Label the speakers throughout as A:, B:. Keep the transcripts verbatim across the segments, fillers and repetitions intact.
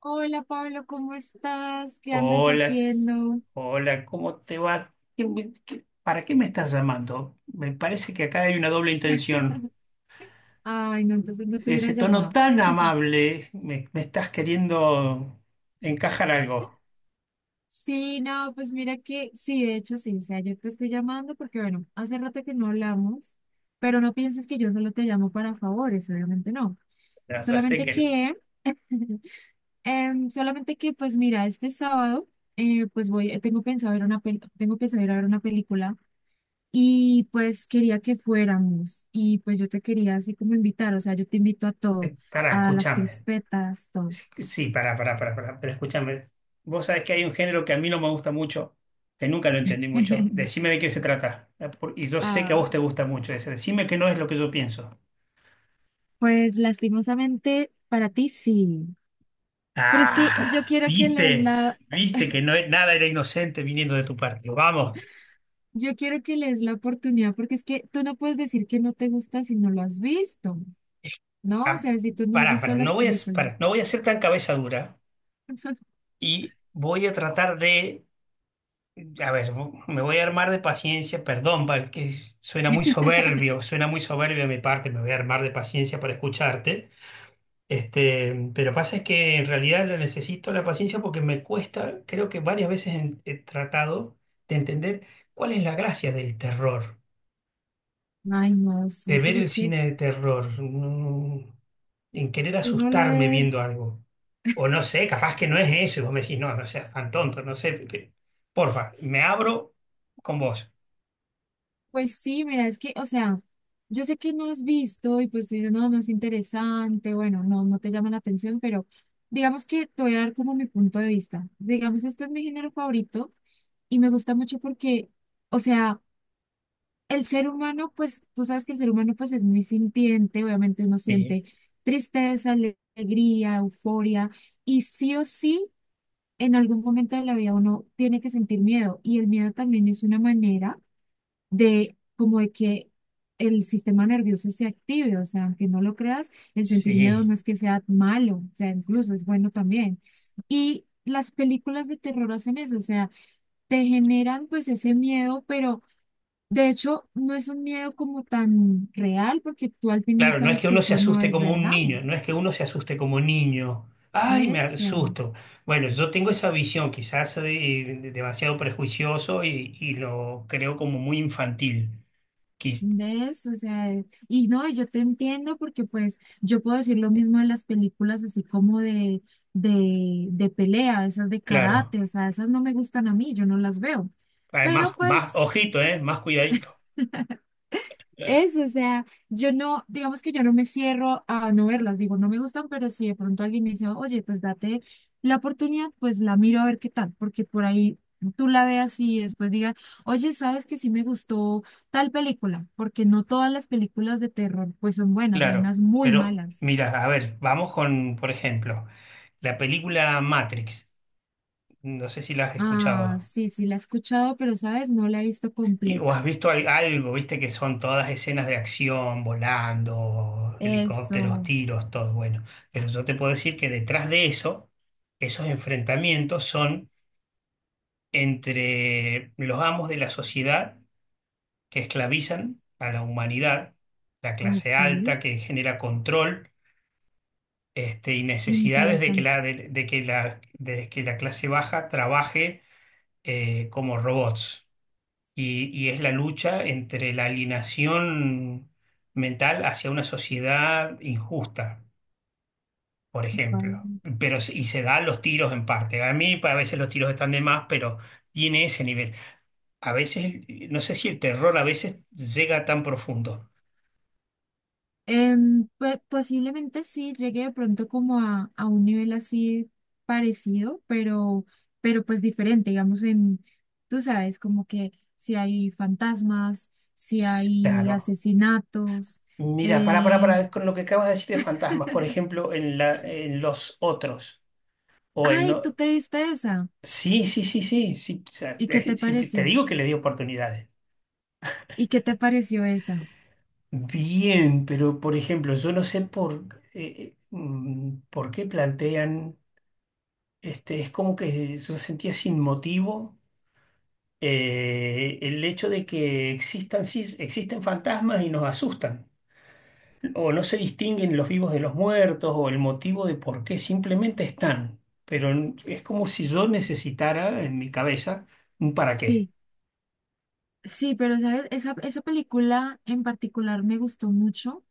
A: Hola Pablo, ¿cómo estás? ¿Qué andas
B: Hola, s-
A: haciendo?
B: hola, ¿cómo te va? ¿Qué me- qué- ¿Para qué me estás llamando? Me parece que acá hay una doble intención.
A: Ay, no, entonces no te hubiera
B: Ese tono
A: llamado.
B: tan amable, me, me estás queriendo encajar algo.
A: Sí, no, pues mira que sí, de hecho sí, o sea, yo te estoy llamando porque, bueno, hace rato que no hablamos, pero no pienses que yo solo te llamo para favores, obviamente no.
B: Ya, ya sé
A: Solamente
B: que no.
A: que, em, solamente que, pues mira, este sábado, eh, pues voy, tengo pensado ir a una, pel- tengo pensado ir a ver una película. Y pues quería que fuéramos y pues yo te quería así como invitar, o sea, yo te invito a todo,
B: Eh, Pará,
A: a las
B: escúchame.
A: crispetas, todo.
B: Sí, sí, pará, pará, pará, pará, pero escúchame. Vos sabés que hay un género que a mí no me gusta mucho, que nunca lo entendí mucho. Decime de qué se trata. Eh, por- Y yo sé que a
A: Ah,
B: vos te gusta mucho ese. Decime que no es lo que yo pienso.
A: pues lastimosamente para ti sí, pero es que yo
B: Ah,
A: quiero que les
B: viste,
A: la,
B: viste que no, nada era inocente viniendo de tu partido. Vamos,
A: yo quiero que les la oportunidad porque es que tú no puedes decir que no te gusta si no lo has visto, ¿no? O
B: ah,
A: sea, si tú no has
B: pará,
A: visto
B: pará, no
A: las
B: voy a,
A: películas.
B: pará, no voy a ser tan cabeza dura y voy a tratar de, a ver, me voy a armar de paciencia, perdón, pa- que suena muy soberbio, suena muy soberbio de mi parte, me voy a armar de paciencia para escucharte. Este, pero pasa es que en realidad la necesito la paciencia porque me cuesta, creo que varias veces he he tratado de entender cuál es la gracia del terror.
A: Ay, no,
B: De
A: sí,
B: ver
A: pero
B: el
A: es que
B: cine de terror, no- en querer
A: tú no
B: asustarme viendo
A: lees.
B: algo. O no sé, capaz que no es eso, y vos me decís, no, no seas tan tonto, no sé. porque- Porfa, me abro con vos.
A: Pues sí, mira, es que, o sea, yo sé que no has visto y pues te dices, no, no es interesante, bueno, no, no te llama la atención, pero digamos que te voy a dar como mi punto de vista. Digamos, este es mi género favorito y me gusta mucho porque, o sea, el ser humano, pues tú sabes que el ser humano pues es muy sintiente, obviamente uno
B: Sí.
A: siente tristeza, ale- alegría, euforia y sí o sí, en algún momento de la vida uno tiene que sentir miedo y el miedo también es una manera de como de que el sistema nervioso se active, o sea, aunque no lo creas, el sentir miedo
B: Sí,
A: no es que sea malo, o sea, incluso es bueno también. Y las películas de terror hacen eso, o sea, te generan pues ese miedo, pero de hecho no es un miedo como tan real porque tú al final
B: claro, no es
A: sabes
B: que
A: que
B: uno se
A: eso no
B: asuste
A: es
B: como un
A: verdad.
B: niño, no es que uno se asuste como niño. Ay, me
A: Eso.
B: asusto. Bueno, yo tengo esa visión, quizás soy eh, demasiado prejuicioso y, y lo creo como muy infantil. Quiz-
A: ¿Ves? O sea, y no, yo te entiendo porque pues yo puedo decir lo mismo de las películas así como de, de, de pelea, esas de
B: claro.
A: karate, o sea, esas no me gustan a mí, yo no las veo.
B: Además,
A: Pero
B: más,
A: pues
B: ojito, ¿eh? Más cuidadito.
A: es, o sea, yo no, digamos que yo no me cierro a no verlas, digo, no me gustan, pero si de pronto alguien me dice, oye, pues date la oportunidad, pues la miro a ver qué tal, porque por ahí tú la veas y después digas, oye, sabes que sí me gustó tal película, porque no todas las películas de terror pues son buenas, hay
B: Claro,
A: unas muy
B: pero
A: malas.
B: mira, a ver, vamos con, por ejemplo, la película Matrix. No sé si la has
A: Ah,
B: escuchado
A: sí, sí, la he escuchado, pero sabes, no la he visto
B: y- o
A: completa.
B: has visto al- algo, viste que son todas escenas de acción, volando, helicópteros,
A: Eso.
B: tiros, todo bueno. Pero yo te puedo decir que detrás de eso, esos enfrentamientos son entre los amos de la sociedad que esclavizan a la humanidad, la clase
A: Ok.
B: alta que genera control este, y necesidades de que
A: Interesante.
B: la, de, de que la, de que la clase baja trabaje eh, como robots. Y, y es la lucha entre la alienación mental hacia una sociedad injusta, por ejemplo. Pero, s- y se dan los tiros en parte. A mí pa- a veces los tiros están de más, pero tiene ese nivel. A veces, no sé si el terror a veces llega tan profundo.
A: Em, pe- posiblemente sí llegue de pronto como a, a un nivel así parecido, pero, pero pues diferente, digamos en, tú sabes, como que si hay fantasmas, si
B: S-
A: hay
B: Claro.
A: asesinatos.
B: Mira, para, para,
A: Eh...
B: para, con lo que acabas de decir de fantasmas, por ejemplo, en la, en los otros, o en...
A: Ay,
B: no-
A: tú te viste esa.
B: Sí, sí, sí, sí, sí, o sea,
A: ¿Y qué
B: eh,
A: te
B: sí, te
A: pareció?
B: digo que le di oportunidades.
A: ¿Y qué te pareció esa?
B: Bien, pero por ejemplo, yo no sé por, eh, eh, mm, por qué plantean, este, es como que yo sentía sin motivo eh, el hecho de que existan, sí, existen fantasmas y nos asustan. O no se distinguen los vivos de los muertos o el motivo de por qué, simplemente están. Pero n- es como si yo necesitara en mi cabeza un para qué.
A: Sí, pero sabes, esa, esa película en particular me gustó mucho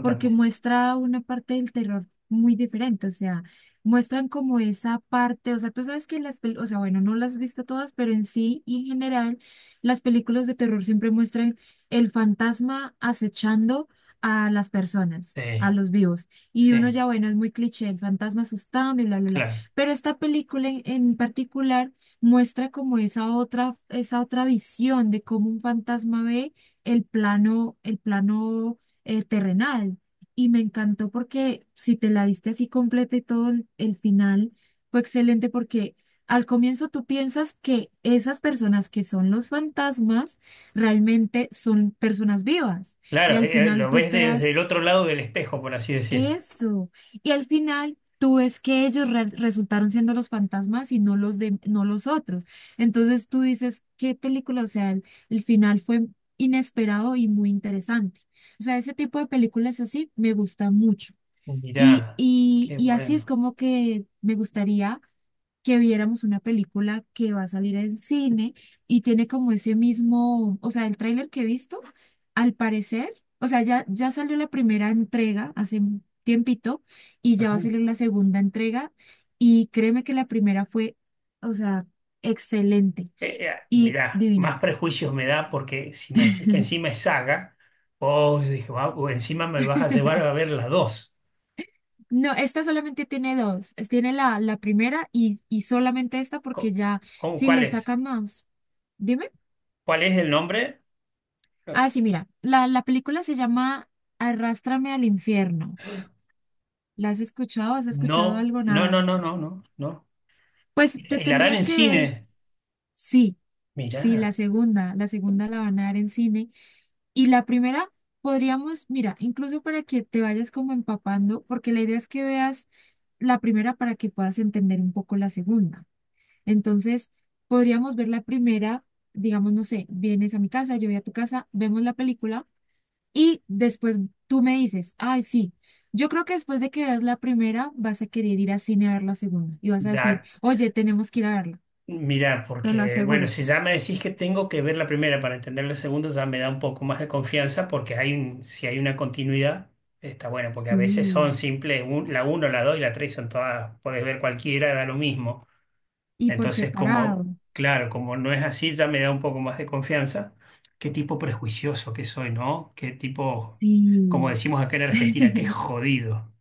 A: porque muestra una parte del terror muy diferente, o sea, muestran como esa parte, o sea, tú sabes que las, pel- o sea, bueno, no las has visto todas, pero en sí y en general, las películas de terror siempre muestran el fantasma acechando a las personas, a
B: Sí,
A: los vivos. Y uno
B: sí,
A: ya, bueno, es muy cliché, el fantasma asustando y bla, bla, bla.
B: claro.
A: Pero esta película en en particular muestra como esa otra, esa otra visión de cómo un fantasma ve el plano, el plano, eh, terrenal. Y me encantó porque si te la diste así completa y todo el, el final fue excelente porque al comienzo tú piensas que esas personas que son los fantasmas realmente son personas vivas. Y
B: Claro,
A: al
B: eh, eh,
A: final
B: lo
A: tú
B: ves
A: te
B: desde el
A: das
B: otro lado del espejo, por así decir.
A: eso. Y al final tú ves que ellos re- resultaron siendo los fantasmas y no los de, no los otros. Entonces tú dices, qué película, o sea, el, el final fue inesperado y muy interesante. O sea, ese tipo de películas así me gusta mucho. Y,
B: Mirá,
A: y,
B: qué
A: y así es
B: bueno.
A: como que me gustaría que viéramos una película que va a salir en cine y tiene como ese mismo, o sea, el tráiler que he visto, al parecer, o sea, ya, ya salió la primera entrega hace un tiempito y ya va a
B: Ajá.
A: salir la segunda entrega y créeme que la primera fue, o sea, excelente
B: Eh, eh, y
A: y
B: mirá,
A: divina.
B: más prejuicios me da porque si me decís que encima es saga, vos dije, "Ah, o encima me vas a llevar a ver las dos.
A: No, esta solamente tiene dos. es- Tiene la, la primera y, y solamente esta porque
B: Co-
A: ya
B: ¿Cómo,
A: si
B: cuál
A: le
B: es?
A: sacan más. Dime.
B: ¿Cuál es el nombre?
A: Ah, sí, mira, la, la película se llama Arrástrame al Infierno. ¿La has escuchado? ¿Has escuchado
B: No,
A: algo?
B: no, no,
A: Nada.
B: no, no, no, no.
A: Pues
B: ¿Y la
A: te
B: y la harán
A: tendrías
B: en
A: que ver,
B: cine?
A: sí, sí, la
B: Mirá,
A: segunda, la segunda la van a dar en cine. Y la primera podríamos, mira, incluso para que te vayas como empapando, porque la idea es que veas la primera para que puedas entender un poco la segunda. Entonces, podríamos ver la primera, digamos, no sé, vienes a mi casa, yo voy a tu casa, vemos la película. Y después tú me dices, ay, sí, yo creo que después de que veas la primera, vas a querer ir al cine a ver la segunda. Y vas a decir,
B: da,
A: oye, tenemos que ir a verla,
B: mirá,
A: te lo
B: porque, bueno,
A: aseguro.
B: si ya me decís que tengo que ver la primera para entender la segunda, ya me da un poco más de confianza porque hay un, si hay una continuidad, está bueno, porque a veces son
A: Sí.
B: simples, un- la uno, la dos y la tres son todas, podés ver cualquiera, da lo mismo.
A: Y por
B: Entonces, como,
A: separado.
B: claro, como no es así, ya me da un poco más de confianza. Qué tipo prejuicioso que soy, ¿no? Qué tipo, como
A: Sí.
B: decimos acá en Argentina, qué jodido.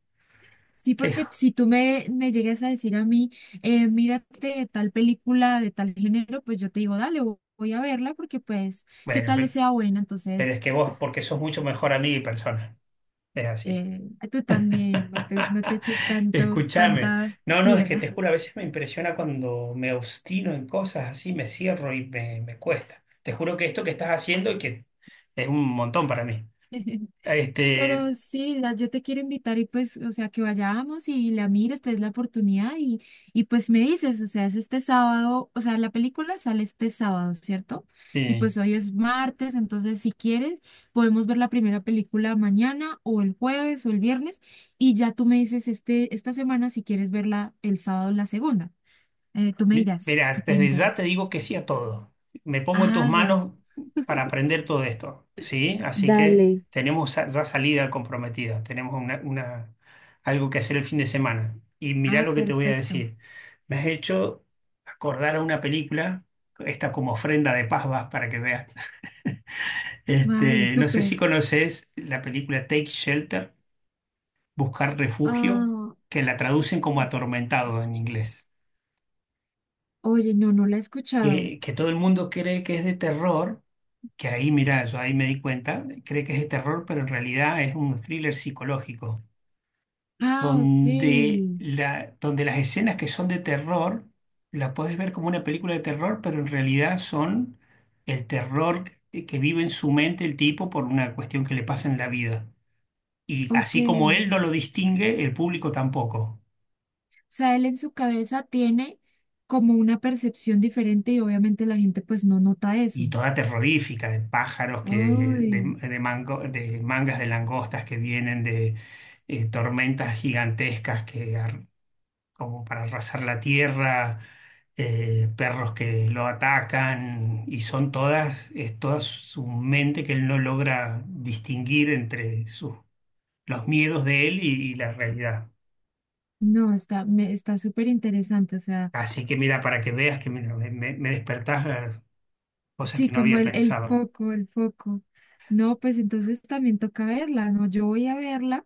A: Sí,
B: Qué
A: porque
B: jo-
A: si tú me, me llegas a decir a mí, eh, mírate tal película de tal género, pues yo te digo, dale, vo- voy a verla porque pues, ¿qué
B: Bueno,
A: tal le
B: pero,
A: sea buena?
B: pero es
A: Entonces,
B: que vos, porque sos mucho mejor amigo y persona. Es así.
A: eh, tú también, no te, no te eches tanto,
B: Escúchame.
A: tanta
B: No, no, es que
A: tierra.
B: te juro, a veces me impresiona cuando me obstino en cosas así, me cierro y me, me cuesta. Te juro que esto que estás haciendo y que es un montón para mí. Este,
A: Pero sí, la- yo te quiero invitar y pues, o sea, que vayamos y la mires, te des la oportunidad y, y pues me dices, o sea, es este sábado, o sea, la película sale este sábado, ¿cierto? Y
B: sí.
A: pues hoy es martes, entonces si quieres, podemos ver la primera película mañana o el jueves o el viernes y ya tú me dices este, esta semana si quieres verla el sábado la segunda. Eh, tú me
B: Mi-
A: dirás, ¿qué
B: Mira,
A: te
B: desde ya te
A: interesa?
B: digo que sí a todo. Me pongo en tus
A: Ah, bueno.
B: manos para aprender todo esto, ¿sí? Así que
A: Dale.
B: tenemos sa- ya salida comprometida, tenemos una, una- algo que hacer el fin de semana. Y mirá
A: Ah,
B: lo que te voy a
A: perfecto.
B: decir. Me has hecho acordar a una película, esta como ofrenda de paz vas para que veas.
A: Ay,
B: Este, no sé si
A: súper.
B: conoces la película Take Shelter, Buscar Refugio,
A: Ah.
B: que la traducen como Atormentado en inglés.
A: Oye, no, no la he escuchado.
B: que que todo el mundo cree que es de terror, que ahí, mira, yo ahí me di cuenta, cree que es de terror, pero en realidad es un thriller psicológico,
A: Ah, ok,
B: donde, la, donde las escenas que son de terror, la puedes ver como una película de terror, pero en realidad son el terror que que vive en su mente el tipo por una cuestión que le pasa en la vida. Y
A: ok.
B: así como él no lo distingue, el público tampoco.
A: O sea, él en su cabeza tiene como una percepción diferente y obviamente la gente pues no nota eso.
B: Y toda terrorífica, de pájaros, que,
A: Uy,
B: de, de mango- de mangas de langostas que vienen de eh, tormentas gigantescas que, ar- como para arrasar la tierra, eh, perros que lo atacan, y son todas, es toda su mente que él no logra distinguir entre sus, los miedos de él y, y la realidad.
A: no, está, me, está súper interesante. O sea,
B: Así que mira, para que veas que mira, me, me- me despertás eh, cosas
A: sí,
B: que no
A: como
B: había
A: el, el
B: pensado.
A: foco, el foco. No, pues entonces también toca verla, ¿no? Yo voy a verla.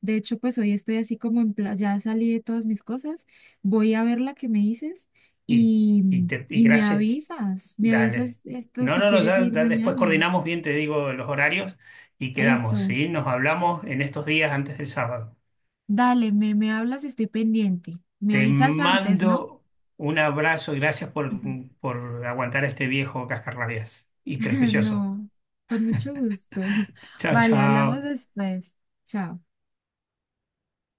A: De hecho, pues hoy estoy así como en plan, ya salí de todas mis cosas. Voy a ver la que me dices
B: Y,
A: y,
B: y, te, y
A: y me
B: gracias,
A: avisas, me
B: dale.
A: avisas esto
B: No,
A: si
B: no, no,
A: quieres
B: ya,
A: ir
B: ya después
A: mañana.
B: coordinamos bien, te digo los horarios y quedamos,
A: Eso,
B: ¿sí? Nos hablamos en estos días antes del sábado.
A: dale, me, me hablas, estoy pendiente. Me
B: Te
A: avisas antes, ¿no?
B: mando un abrazo y gracias por,
A: Ujú.
B: por aguantar a este viejo cascarrabias y prejuicioso.
A: No, con mucho gusto.
B: Chao,
A: Vale, hablamos
B: chao.
A: después. Chao.